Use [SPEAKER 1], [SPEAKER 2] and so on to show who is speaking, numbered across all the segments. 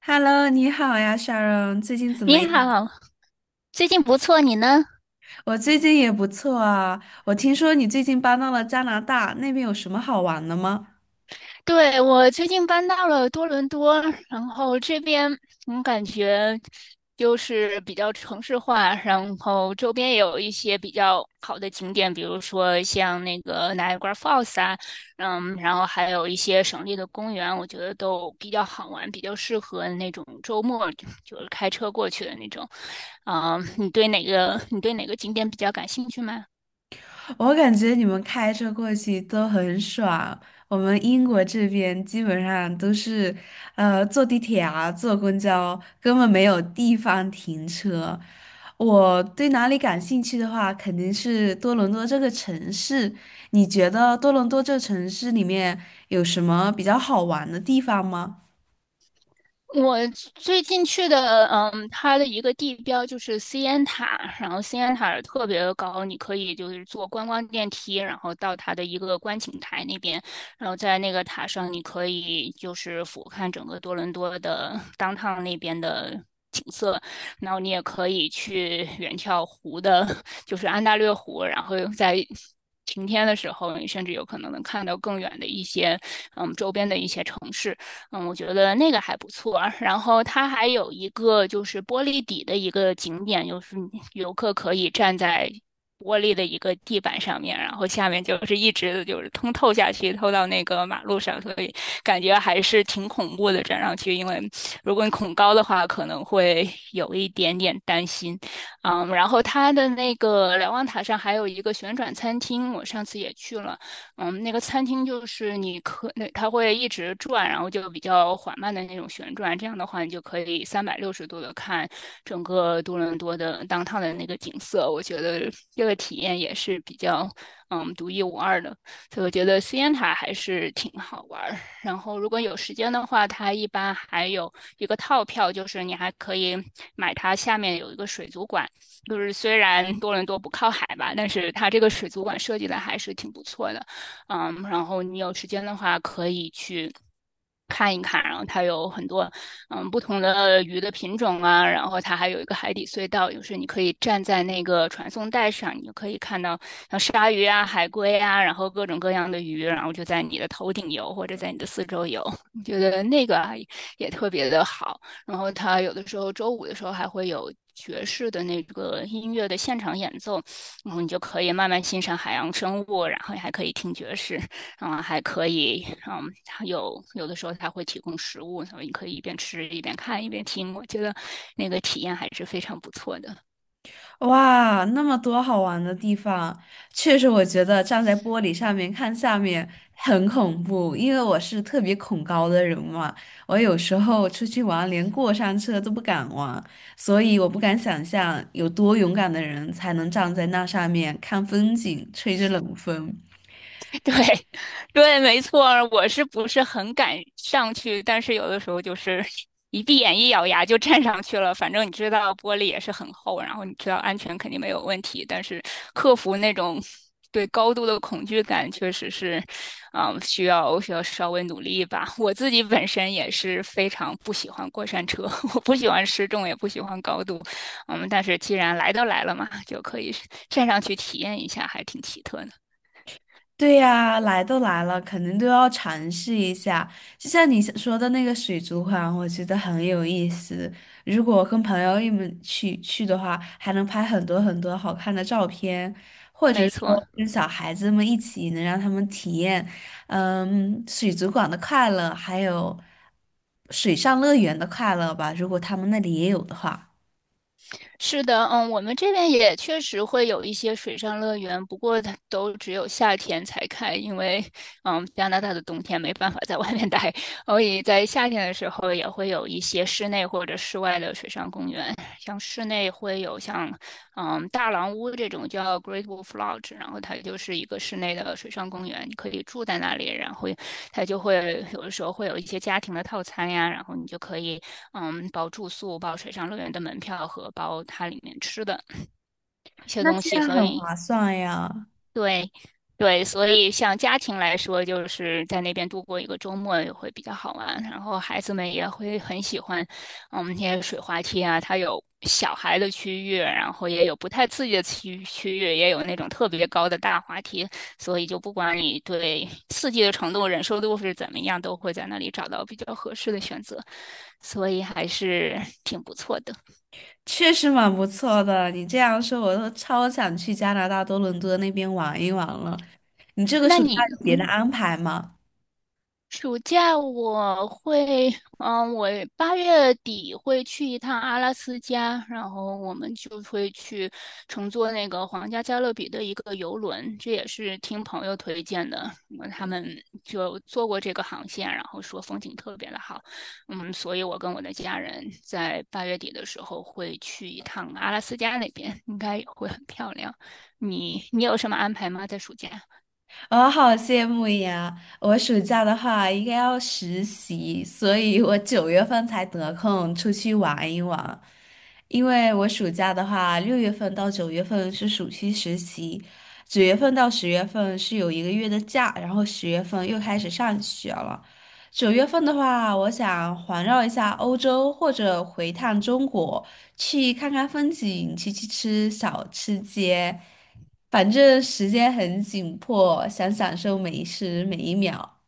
[SPEAKER 1] Hello，你好呀，Sharon，最近怎
[SPEAKER 2] 你
[SPEAKER 1] 么样？
[SPEAKER 2] 好，最近不错，你呢？
[SPEAKER 1] 我最近也不错啊。我听说你最近搬到了加拿大，那边有什么好玩的吗？
[SPEAKER 2] 对，我最近搬到了多伦多，然后这边我感觉就是比较城市化，然后周边也有一些比较好的景点，比如说像那个 Niagara Falls 啊，然后还有一些省立的公园，我觉得都比较好玩，比较适合那种周末就是开车过去的那种。你对哪个景点比较感兴趣吗？
[SPEAKER 1] 我感觉你们开车过去都很爽，我们英国这边基本上都是，坐地铁啊，坐公交，根本没有地方停车。我对哪里感兴趣的话，肯定是多伦多这个城市。你觉得多伦多这个城市里面有什么比较好玩的地方吗？
[SPEAKER 2] 我最近去的，它的一个地标就是西安塔，然后西安塔特别高，你可以就是坐观光电梯，然后到它的一个观景台那边，然后在那个塔上，你可以就是俯瞰整个多伦多的 downtown 那边的景色，然后你也可以去远眺湖的，就是安大略湖，然后在晴天的时候，你甚至有可能能看到更远的一些，周边的一些城市。我觉得那个还不错。然后它还有一个就是玻璃底的一个景点，就是游客可以站在玻璃的一个地板上面，然后下面就是一直就是通透下去，透到那个马路上，所以感觉还是挺恐怖的。站上去，因为如果你恐高的话，可能会 有一点点担心。然后它的那个瞭望塔上还有一个旋转餐厅，我上次也去了。那个餐厅就是那它会一直转，然后就比较缓慢的那种旋转，这样的话你就可以360度的看整个多伦多的当 o 的那个景色。我觉得这个体验也是比较独一无二的，所以我觉得 CN 塔还是挺好玩儿。然后如果有时间的话，它一般还有一个套票，就是你还可以买它下面有一个水族馆，就是虽然多伦多不靠海吧，但是它这个水族馆设计的还是挺不错的。然后你有时间的话可以去，看一看，然后它有很多不同的鱼的品种啊，然后它还有一个海底隧道，就是你可以站在那个传送带上，你就可以看到像鲨鱼啊、海龟啊，然后各种各样的鱼，然后就在你的头顶游或者在你的四周游，我觉得那个啊也特别的好。然后它有的时候周五的时候还会有爵士的那个音乐的现场演奏，然后你就可以慢慢欣赏海洋生物，然后还可以听爵士，还可以，有的时候它会提供食物，所以你可以一边吃一边看一边听，我觉得那个体验还是非常不错的。
[SPEAKER 1] 哇，那么多好玩的地方，确实我觉得站在玻璃上面看下面很恐怖，因为我是特别恐高的人嘛，我有时候出去玩连过山车都不敢玩，所以我不敢想象有多勇敢的人才能站在那上面看风景，吹着冷风。
[SPEAKER 2] 对，对，没错。我是不是很敢上去？但是有的时候就是 一闭眼一咬牙就站上去了。反正你知道玻璃也是很厚，然后你知道安全肯定没有问题。但是克服那种对高度的恐惧感，确实是，需要稍微努力一把。我自己本身也是非常不喜欢过山车，我不喜欢失重，也不喜欢高度。但是既然来都来了嘛，就可以站上去体验一下，还挺奇特的。
[SPEAKER 1] 对呀，来都来了，肯定都要尝试一下。就像你说的那个水族馆，我觉得很有意思。如果跟朋友一们去的话，还能拍很多很多好看的照片，或者
[SPEAKER 2] 没
[SPEAKER 1] 是
[SPEAKER 2] 错，
[SPEAKER 1] 说跟小孩子们一起，能让他们体验，嗯，水族馆的快乐，还有水上乐园的快乐吧。如果他们那里也有的话，
[SPEAKER 2] 是的，我们这边也确实会有一些水上乐园，不过它都只有夏天才开，因为加拿大的冬天没办法在外面待，所以在夏天的时候也会有一些室内或者室外的水上公园。像室内会有像大狼屋这种叫 Great Wolf Lodge,然后它就是一个室内的水上公园，你可以住在那里，然后它就会有的时候会有一些家庭的套餐呀，然后你就可以包住宿、包水上乐园的门票和包它里面吃的一些
[SPEAKER 1] 那
[SPEAKER 2] 东
[SPEAKER 1] 这
[SPEAKER 2] 西，
[SPEAKER 1] 样
[SPEAKER 2] 所
[SPEAKER 1] 很
[SPEAKER 2] 以
[SPEAKER 1] 划算呀。
[SPEAKER 2] 对，对，所以像家庭来说，就是在那边度过一个周末也会比较好玩，然后孩子们也会很喜欢，我们那些水滑梯啊，它有小孩的区域，然后也有不太刺激的区域，也有那种特别高的大滑梯，所以就不管你对刺激的程度、忍受度是怎么样，都会在那里找到比较合适的选择，所以还是挺不错的。
[SPEAKER 1] 确实蛮不错的。你这样说，我都超想去加拿大多伦多那边玩一玩了。你这个
[SPEAKER 2] 那
[SPEAKER 1] 暑假
[SPEAKER 2] 你，
[SPEAKER 1] 有别的安排吗？
[SPEAKER 2] 暑假我会，我八月底会去一趟阿拉斯加，然后我们就会去乘坐那个皇家加勒比的一个游轮，这也是听朋友推荐的，他们就坐过这个航线，然后说风景特别的好，所以我跟我的家人在八月底的时候会去一趟阿拉斯加那边，应该也会很漂亮。你有什么安排吗？在暑假？
[SPEAKER 1] 我好羡慕呀！我暑假的话应该要实习，所以我九月份才得空出去玩一玩。因为我暑假的话，6月份到九月份是暑期实习，九月份到十月份是有1个月的假，然后十月份又开始上学了。九月份的话，我想环绕一下欧洲或者回趟中国，去看看风景，去吃小吃街，反正时间很紧迫，想享受每一时每一秒。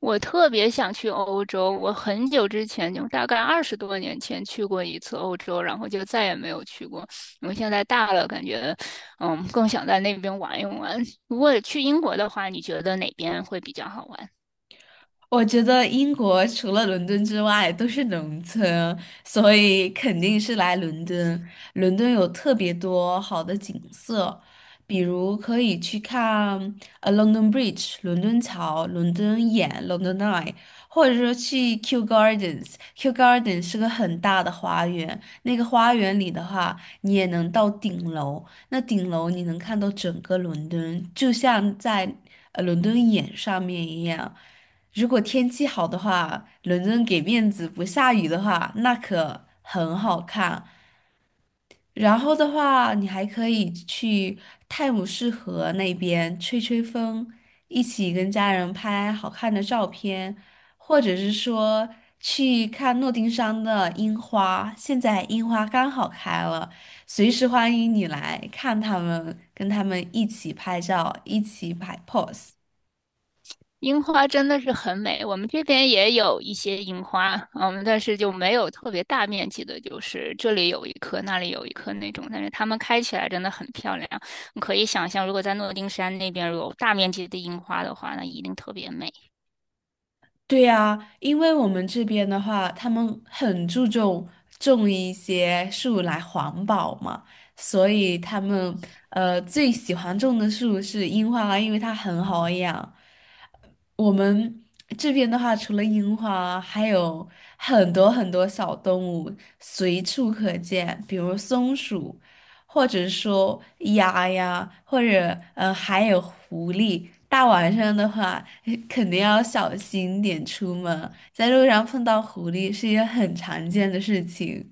[SPEAKER 2] 我特别想去欧洲，我很久之前就大概20多年前去过一次欧洲，然后就再也没有去过。我现在大了，感觉更想在那边玩一玩。如果去英国的话，你觉得哪边会比较好玩？
[SPEAKER 1] 我觉得英国除了伦敦之外都是农村，所以肯定是来伦敦。伦敦有特别多好的景色，比如可以去看London Bridge、伦敦桥、伦敦眼、London Eye，或者说去 Kew Gardens。Kew Gardens 是个很大的花园，那个花园里的话，你也能到顶楼，那顶楼你能看到整个伦敦，就像在伦敦眼上面一样。如果天气好的话，伦敦给面子不下雨的话，那可很好看。然后的话，你还可以去泰晤士河那边吹吹风，一起跟家人拍好看的照片，或者是说去看诺丁山的樱花。现在樱花刚好开了，随时欢迎你来看他们，跟他们一起拍照，一起摆 pose。
[SPEAKER 2] 樱花真的是很美，我们这边也有一些樱花，但是就没有特别大面积的，就是这里有一棵，那里有一棵那种，但是它们开起来真的很漂亮。你可以想象，如果在诺丁山那边如果有大面积的樱花的话，那一定特别美。
[SPEAKER 1] 对呀，因为我们这边的话，他们很注重种一些树来环保嘛，所以他们最喜欢种的树是樱花，因为它很好养。我们这边的话，除了樱花，还有很多很多小动物随处可见，比如松鼠，或者说鸭呀，还有狐狸。大晚上的话，肯定要小心点出门，在路上碰到狐狸是一件很常见的事情。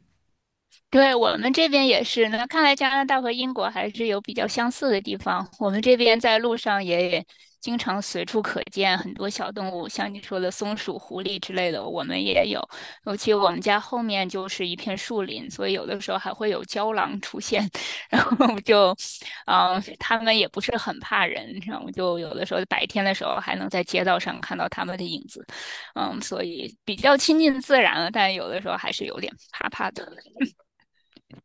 [SPEAKER 2] 对，我们这边也是。那看来加拿大和英国还是有比较相似的地方。我们这边在路上也经常随处可见很多小动物，像你说的松鼠、狐狸之类的，我们也有。尤其我们家后面就是一片树林，所以有的时候还会有郊狼出现。然后就，它们也不是很怕人，然后就有的时候白天的时候还能在街道上看到它们的影子。所以比较亲近自然了，但有的时候还是有点怕怕的。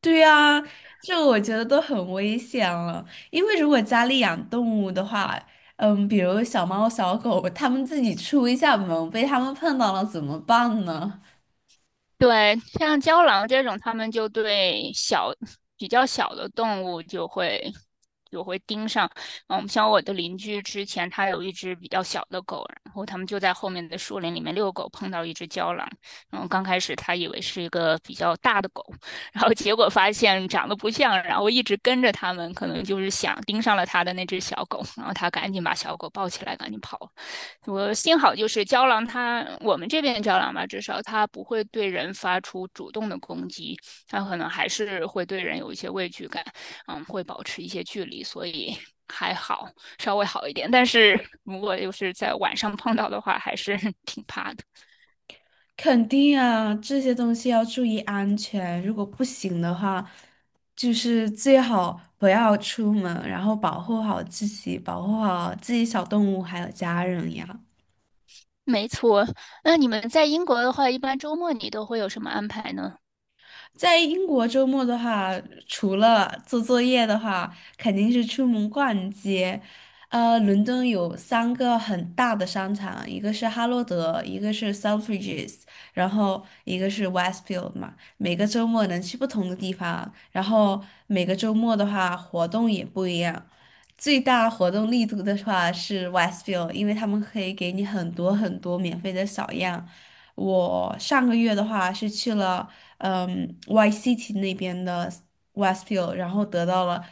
[SPEAKER 1] 对呀，这个我觉得都很危险了。因为如果家里养动物的话，嗯，比如小猫、小狗，它们自己出一下门，被它们碰到了怎么办呢？
[SPEAKER 2] 对，像郊狼这种，他们就对小、比较小的动物就会盯上。像我的邻居之前他有一只比较小的狗，然后他们就在后面的树林里面遛狗，碰到一只郊狼。然后刚开始他以为是一个比较大的狗，然后结果发现长得不像，然后一直跟着他们，可能就是想盯上了他的那只小狗，然后他赶紧把小狗抱起来，赶紧跑了我幸好就是胶囊它，我们这边的胶囊吧，至少它不会对人发出主动的攻击，它可能还是会对人有一些畏惧感，会保持一些距离，所以还好，稍微好一点。但是如果就是在晚上碰到的话，还是 挺怕的。
[SPEAKER 1] 肯定啊，这些东西要注意安全。如果不行的话，就是最好不要出门，然后保护好自己，保护好自己小动物还有家人呀。
[SPEAKER 2] 没错，那你们在英国的话，一般周末你都会有什么安排呢？
[SPEAKER 1] 在英国周末的话，除了做作业的话，肯定是出门逛街。伦敦有3个很大的商场，一个是哈罗德，一个是 Selfridges，然后一个是 Westfield 嘛。每个周末能去不同的地方，然后每个周末的话活动也不一样。最大活动力度的话是 Westfield，因为他们可以给你很多很多免费的小样。我上个月的话是去了。嗯 YCT 那边的 Westfield，然后得到了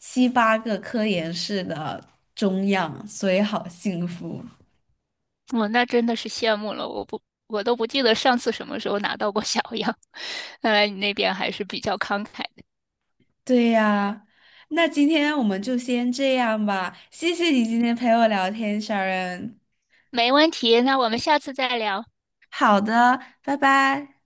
[SPEAKER 1] 7、8个科研室的中样，所以好幸福。
[SPEAKER 2] 我那真的是羡慕了，我不，我都不记得上次什么时候拿到过小 样。看来你那边还是比较慷慨。
[SPEAKER 1] 对呀，那今天我们就先这样吧，谢谢你今天陪我聊天，Sharon。
[SPEAKER 2] 没问题，那我们下次再聊。
[SPEAKER 1] 好的，拜拜。